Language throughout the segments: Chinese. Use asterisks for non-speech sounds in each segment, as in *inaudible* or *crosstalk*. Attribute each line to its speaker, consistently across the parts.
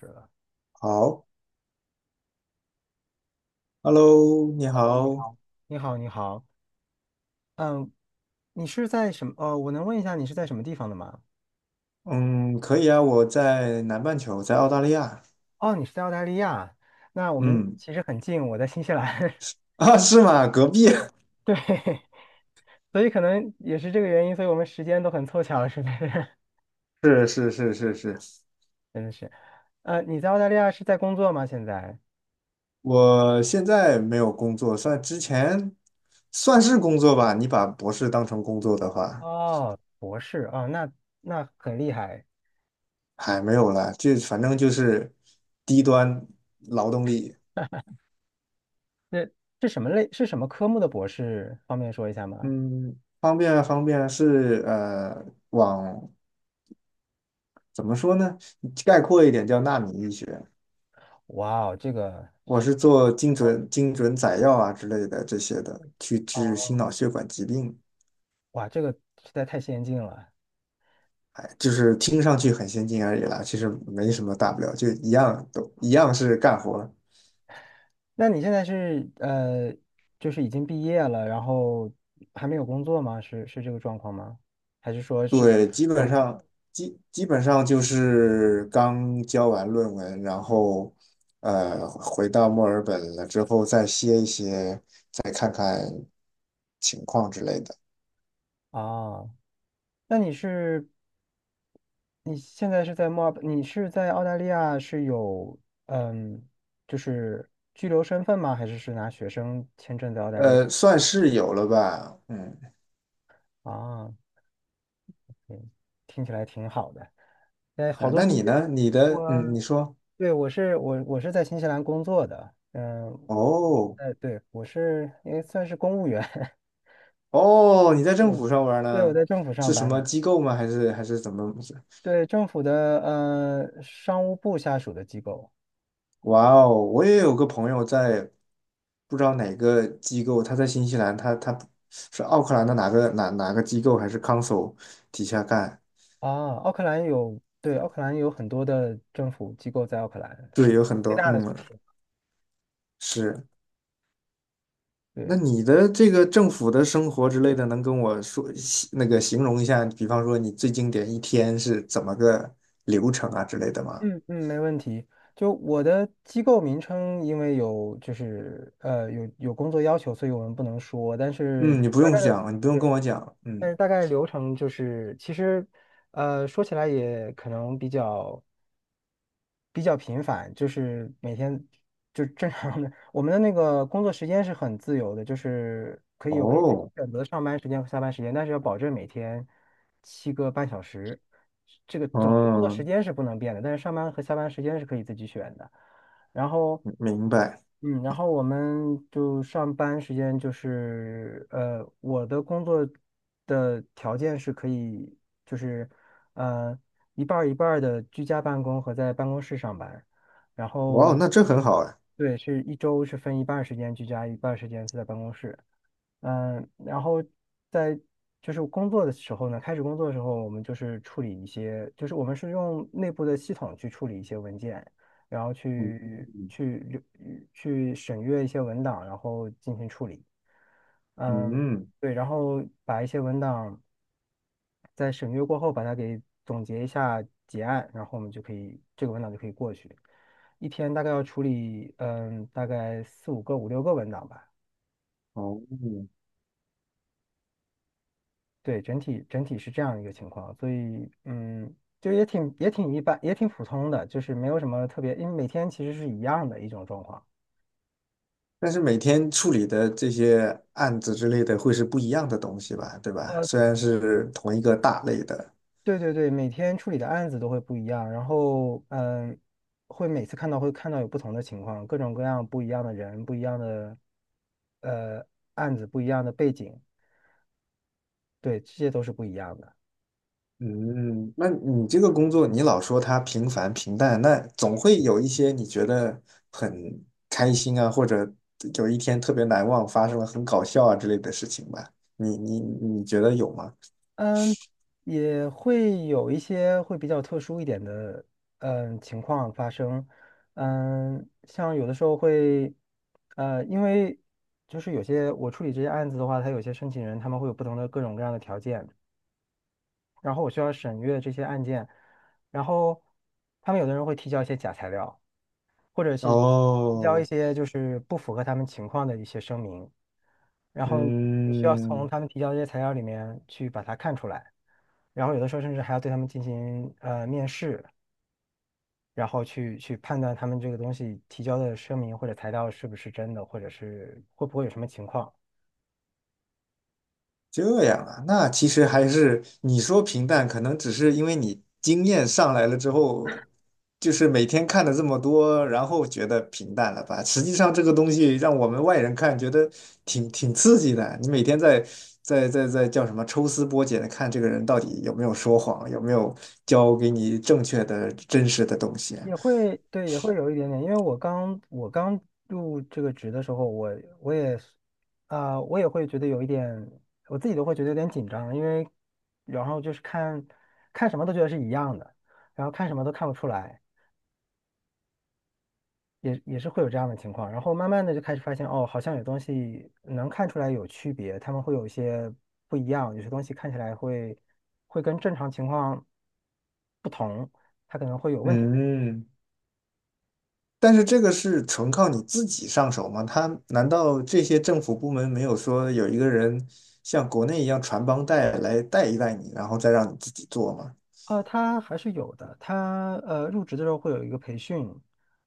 Speaker 1: 是的。
Speaker 2: 好，Hello，你
Speaker 1: Hello，你
Speaker 2: 好。
Speaker 1: 好。你好，你好，嗯，你是在什么？我能问一下你是在什么地方的吗？
Speaker 2: 嗯，可以啊，我在南半球，在澳大利亚。
Speaker 1: 哦，你是在澳大利亚，那我们
Speaker 2: 嗯，
Speaker 1: 其实很近，我在新西兰。*laughs*
Speaker 2: *laughs* 啊，是吗？隔壁。
Speaker 1: 对，对，*laughs* 所以可能也是这个原因，所以我们时间都很凑巧，是不是？*laughs*
Speaker 2: *laughs* 是是是是是。
Speaker 1: 真的是。你在澳大利亚是在工作吗？现在？
Speaker 2: 我现在没有工作，算之前算是工作吧，你把博士当成工作的话，
Speaker 1: 哦，博士啊哦，那很厉害。
Speaker 2: 还没有啦，就反正就是低端劳动力。
Speaker 1: 那是什么类？是什么科目的博士？方便说一下吗？
Speaker 2: 嗯，方便啊方便啊，是，往怎么说呢？概括一点叫纳米医学。
Speaker 1: 哇哦，这个，
Speaker 2: 我是做精准载药啊之类的这些的，去治心
Speaker 1: 哦，
Speaker 2: 脑血管疾病。
Speaker 1: 哇，这个实在太先进了。
Speaker 2: 哎，就是听上去很先进而已啦，其实没什么大不了，就一样都一样是干活儿。
Speaker 1: 那你现在就是已经毕业了，然后还没有工作吗？是这个状况吗？还是说是在
Speaker 2: 对，基本
Speaker 1: 休息
Speaker 2: 上基本上就是刚交完论文，然后回到墨尔本了之后再歇一歇，再看看情况之类的。
Speaker 1: 啊？那你现在是在墨尔本，你是在澳大利亚是有嗯，就是居留身份吗？还是拿学生签证在澳大利亚？
Speaker 2: 算是有了吧。嗯，
Speaker 1: 啊，听起来挺好的。哎，好
Speaker 2: 啊
Speaker 1: 多
Speaker 2: 那
Speaker 1: 新
Speaker 2: 你
Speaker 1: 西，
Speaker 2: 呢？你的，嗯，你
Speaker 1: 我
Speaker 2: 说，
Speaker 1: 对我是我我是在新西兰工作的，嗯，
Speaker 2: 哦。
Speaker 1: 对，我是也算是公务员。*laughs*
Speaker 2: 哦，你在
Speaker 1: 对，
Speaker 2: 政府上班
Speaker 1: 对，我
Speaker 2: 呢？
Speaker 1: 在政府上
Speaker 2: 是什
Speaker 1: 班呢，
Speaker 2: 么机构吗？还是怎么回事？
Speaker 1: 对，政府的商务部下属的机构。
Speaker 2: 哇哦，我也有个朋友在，不知道哪个机构，他在新西兰，他是奥克兰的哪个机构还是 council 底下干？
Speaker 1: 啊，奥克兰有，对，奥克兰有很多的政府机构在奥克兰，它
Speaker 2: 对，
Speaker 1: 是
Speaker 2: 有很
Speaker 1: 最
Speaker 2: 多。
Speaker 1: 大的城
Speaker 2: 嗯，
Speaker 1: 市。是，
Speaker 2: 是。那
Speaker 1: 对，
Speaker 2: 你的这个政府的生活之类的，能跟我说那个形容一下？比方说你最经典一天是怎么个流程啊之类的吗？
Speaker 1: 嗯嗯，没问题。就我的机构名称，因为有就是有工作要求，所以我们不能说，但是
Speaker 2: 嗯，你不
Speaker 1: 大
Speaker 2: 用
Speaker 1: 概的。
Speaker 2: 讲，你不用跟
Speaker 1: 对。
Speaker 2: 我讲，
Speaker 1: 但
Speaker 2: 嗯。
Speaker 1: 是大概流程就是，其实，说起来也可能比较频繁，就是每天就正常的。我们的那个工作时间是很自由的，就是可以自己
Speaker 2: 哦。
Speaker 1: 选择上班时间和下班时间，但是要保证每天7个半小时，这个总的工作
Speaker 2: 哦，
Speaker 1: 时间是不能变的，但是上班和下班时间是可以自己选的。然后
Speaker 2: 明白。
Speaker 1: 然后我们就上班时间就是，我的工作的条件是可以，就是，呃，一半儿一半儿的居家办公和在办公室上班，然
Speaker 2: 哇哦，
Speaker 1: 后
Speaker 2: 那这很好哎。
Speaker 1: 对，是一周是分一半儿时间居家，一半儿时间是在办公室。嗯，然后在就是工作的时候呢，开始工作的时候，我们就是处理一些，就是我们是用内部的系统去处理一些文件，然后
Speaker 2: 嗯
Speaker 1: 去审阅一些文档，然后进行处理。嗯，
Speaker 2: 嗯。
Speaker 1: 对，然后把一些文档在审阅过后，把它给总结一下结案，然后我们就可以这个文档就可以过去。一天大概要处理，大概四五个、五六个文档吧。
Speaker 2: 哦，
Speaker 1: 对，整体是这样一个情况，所以就也挺一般，也挺普通的，就是没有什么特别，因为每天其实是一样的一种状况。
Speaker 2: 但是每天处理的这些案子之类的会是不一样的东西吧，对吧？
Speaker 1: 呃，
Speaker 2: 虽然是同一个大类的。
Speaker 1: 对对对，每天处理的案子都会不一样，然后会看到有不同的情况，各种各样不一样的人，不一样的呃案子，不一样的背景，对，这些都是不一样的。
Speaker 2: 嗯，那你这个工作，你老说它平凡平淡，那总会有一些你觉得很开心啊，或者有一天特别难忘，发生了很搞笑啊之类的事情吧？你觉得有吗？
Speaker 1: 嗯，也会有一些会比较特殊一点的情况发生，嗯，像有的时候会，因为就是有些我处理这些案子的话，它有些申请人他们会有不同的各种各样的条件，然后我需要审阅这些案件，然后他们有的人会提交一些假材料，或者是提交一
Speaker 2: 哦。
Speaker 1: 些就是不符合他们情况的一些声明，然后你需要从
Speaker 2: 嗯，
Speaker 1: 他们提交的这些材料里面去把它看出来，然后有的时候甚至还要对他们进行面试，然后去判断他们这个东西提交的声明或者材料是不是真的，或者是会不会有什么情况。
Speaker 2: 这样啊，那其实还是你说平淡，可能只是因为你经验上来了之后，就是每天看了这么多，然后觉得平淡了吧？实际上这个东西让我们外人看，觉得挺刺激的。你每天在叫什么抽丝剥茧的看这个人到底有没有说谎，有没有教给你正确的真实的东西啊。
Speaker 1: 也会对，也会有一点点，因为我刚入这个职的时候，我也是我也会觉得有一点，我自己都会觉得有点紧张，因为然后就是看什么都觉得是一样的，然后看什么都看不出来，也是会有这样的情况。然后慢慢的就开始发现，哦，好像有东西能看出来有区别，他们会有一些不一样，有些东西看起来会跟正常情况不同，它可能会有问题。
Speaker 2: 嗯。但是这个是纯靠你自己上手吗？他难道这些政府部门没有说有一个人像国内一样传帮带来带一带你，然后再让你自己做吗？
Speaker 1: 他还是有的。他入职的时候会有一个培训，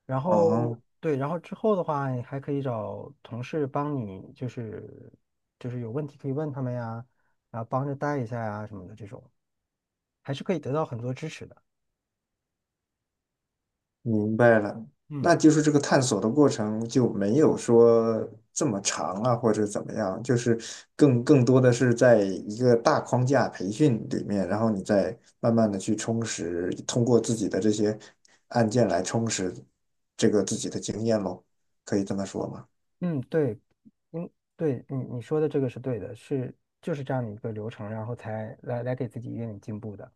Speaker 1: 然后
Speaker 2: 哦，
Speaker 1: 对，然后之后的话，你还可以找同事帮你，就是有问题可以问他们呀，然后帮着带一下呀什么的这种，还是可以得到很多支持的。
Speaker 2: 明白了。
Speaker 1: 嗯
Speaker 2: 那就是这个探索的过程就没有说这么长啊，或者怎么样，就是更多的是在一个大框架培训里面，然后你再慢慢的去充实，通过自己的这些案件来充实这个自己的经验喽，可以这么说吗？
Speaker 1: 嗯，对，嗯对，你说的这个是对的，是就是这样的一个流程，然后才来给自己一点点进步的。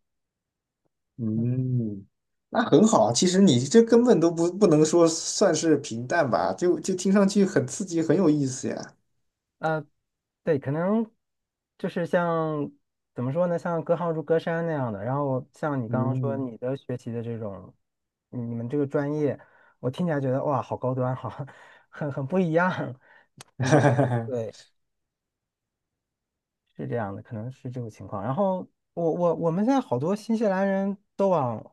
Speaker 2: 嗯，那很好啊。其实你这根本都不能说算是平淡吧，就听上去很刺激，很有意思呀。
Speaker 1: 呃，对，可能就是像怎么说呢，像隔行如隔山那样的。然后像你刚刚说
Speaker 2: 嗯。
Speaker 1: 你的学习的这种，你们这个专业，我听起来觉得哇，好高端，好，*laughs* 很不一样。可能对，
Speaker 2: *laughs*
Speaker 1: 是这样的，可能是这种情况。然后我们现在好多新西兰人都往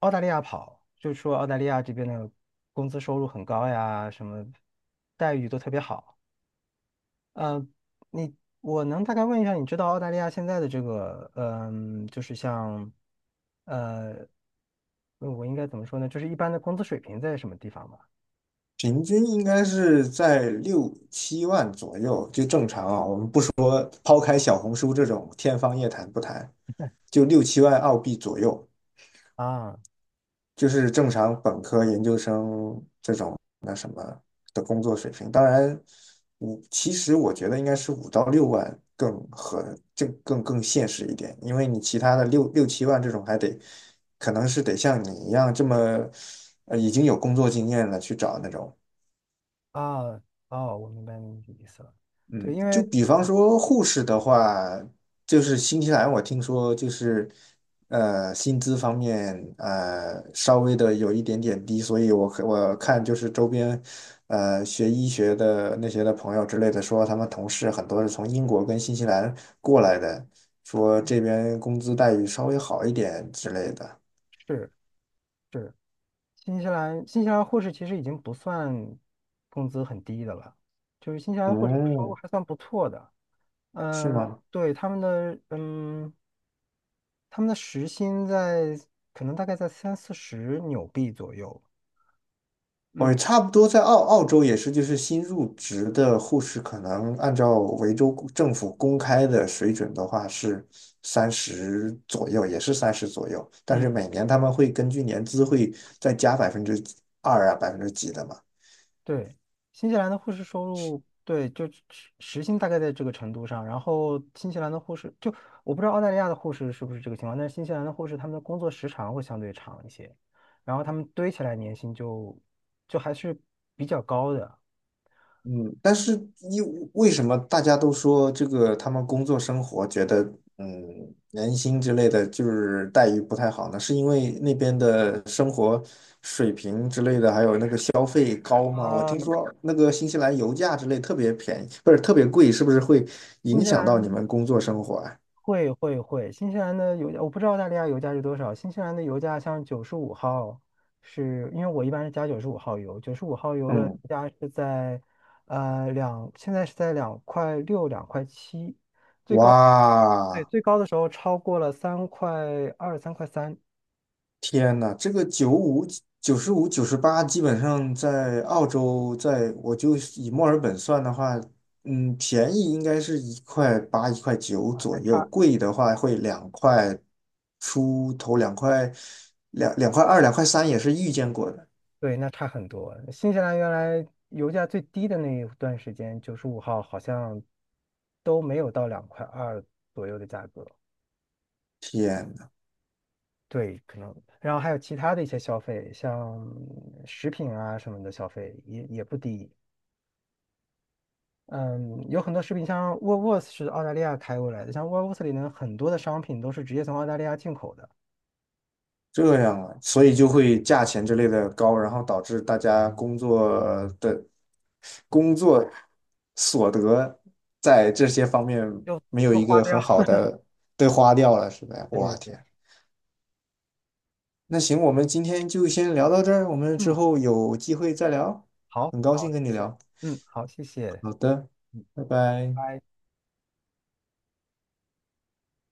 Speaker 1: 澳大利亚跑，就说澳大利亚这边的工资收入很高呀，什么待遇都特别好。呃，你我能大概问一下，你知道澳大利亚现在的这个，就是像，呃，我应该怎么说呢？就是一般的工资水平在什么地方吗？
Speaker 2: 平均应该是在6、7万左右，就正常啊。我们不抛开小红书这种天方夜谭不谈，就6、7万澳币左右。
Speaker 1: 啊
Speaker 2: 就是正常本科、研究生这种那什么的工作水平。当然，其实我觉得应该是5到6万更合，这更现实一点，因为你其他的六七万这种还得，可能是得像你一样这么，已经有工作经验了去找那种。
Speaker 1: 啊哦，我明白你的意思了。对，
Speaker 2: 嗯，
Speaker 1: 因
Speaker 2: 就
Speaker 1: 为
Speaker 2: 比方说护士的话，就是新西兰我听说就是薪资方面稍微的有一点点低，所以我看就是周边学医学的那些的朋友之类的说，他们同事很多是从英国跟新西兰过来的，说这边工资待遇稍微好一点之类的。
Speaker 1: 是是新西兰，新西兰护士其实已经不算工资很低的了，就是新西兰护士收入
Speaker 2: 嗯，
Speaker 1: 还算不错的。
Speaker 2: 是
Speaker 1: 嗯、
Speaker 2: 吗？
Speaker 1: 对，他们的时薪可能大概在三四十纽币左右。
Speaker 2: 我
Speaker 1: 嗯
Speaker 2: 差不多在澳洲也是，就是新入职的护士，可能按照维州公政府公开的水准的话是三十左右，也是三十左右。但是
Speaker 1: 嗯，
Speaker 2: 每年他们会根据年资会再加2%啊，百分之几的嘛。
Speaker 1: 对，新西兰的护士收入，对，就时薪大概在这个程度上。然后新西兰的护士，就我不知道澳大利亚的护士是不是这个情况，但是新西兰的护士他们的工作时长会相对长一些，然后他们堆起来年薪就还是比较高的。
Speaker 2: 嗯，但是因为什么大家都说这个他们工作生活觉得嗯年薪之类的就是待遇不太好呢？是因为那边的生活水平之类的，还有那个消费高吗？我
Speaker 1: 啊、
Speaker 2: 听说那个新西兰油价之类特别便宜，不是特别贵，是不是会
Speaker 1: 新
Speaker 2: 影
Speaker 1: 西
Speaker 2: 响到你
Speaker 1: 兰
Speaker 2: 们工作生活啊？
Speaker 1: 会会会，新西兰的油价我不知道澳大利亚油价是多少，新西兰的油价像九十五号是，因为我一般是加九十五号油，九十五号油的油
Speaker 2: 嗯。
Speaker 1: 价是在呃两，现在是在两块六两块七，最高，对，
Speaker 2: 哇，
Speaker 1: 最高的时候超过了三块二三块三。
Speaker 2: 天呐，这个九五、95号、98号，基本上在澳洲，在我就以墨尔本算的话，嗯，便宜应该是1块8、1块9
Speaker 1: 啊，
Speaker 2: 左
Speaker 1: 那
Speaker 2: 右，
Speaker 1: 差，
Speaker 2: 贵的话会2块出头，2块2、2块3也是遇见过的。
Speaker 1: 对，那差很多。新西兰原来油价最低的那一段时间，九十五号好像都没有到两块二左右的价格。
Speaker 2: 天。
Speaker 1: 对，可能，然后还有其他的一些消费，像食品啊什么的消费也不低。嗯，有很多食品，像沃尔沃斯是澳大利亚开过来的，像沃尔沃斯里面很多的商品都是直接从澳大利亚进口的，
Speaker 2: 这样啊，所以就会价钱之类的高，然后导致大家工作的工作所得在这些方面
Speaker 1: 就
Speaker 2: 没有
Speaker 1: 都
Speaker 2: 一
Speaker 1: 花
Speaker 2: 个
Speaker 1: 掉。
Speaker 2: 很好
Speaker 1: *laughs*
Speaker 2: 的被花掉了，是呗？哇
Speaker 1: 对对，
Speaker 2: 天，那行，我们今天就先聊到这儿，我们之
Speaker 1: 嗯，
Speaker 2: 后有机会再聊，
Speaker 1: 好，
Speaker 2: 很高
Speaker 1: 好，
Speaker 2: 兴跟
Speaker 1: 谢
Speaker 2: 你
Speaker 1: 谢，
Speaker 2: 聊。
Speaker 1: 嗯，好，谢谢，
Speaker 2: 好的，
Speaker 1: 嗯，
Speaker 2: 拜拜。
Speaker 1: 拜拜。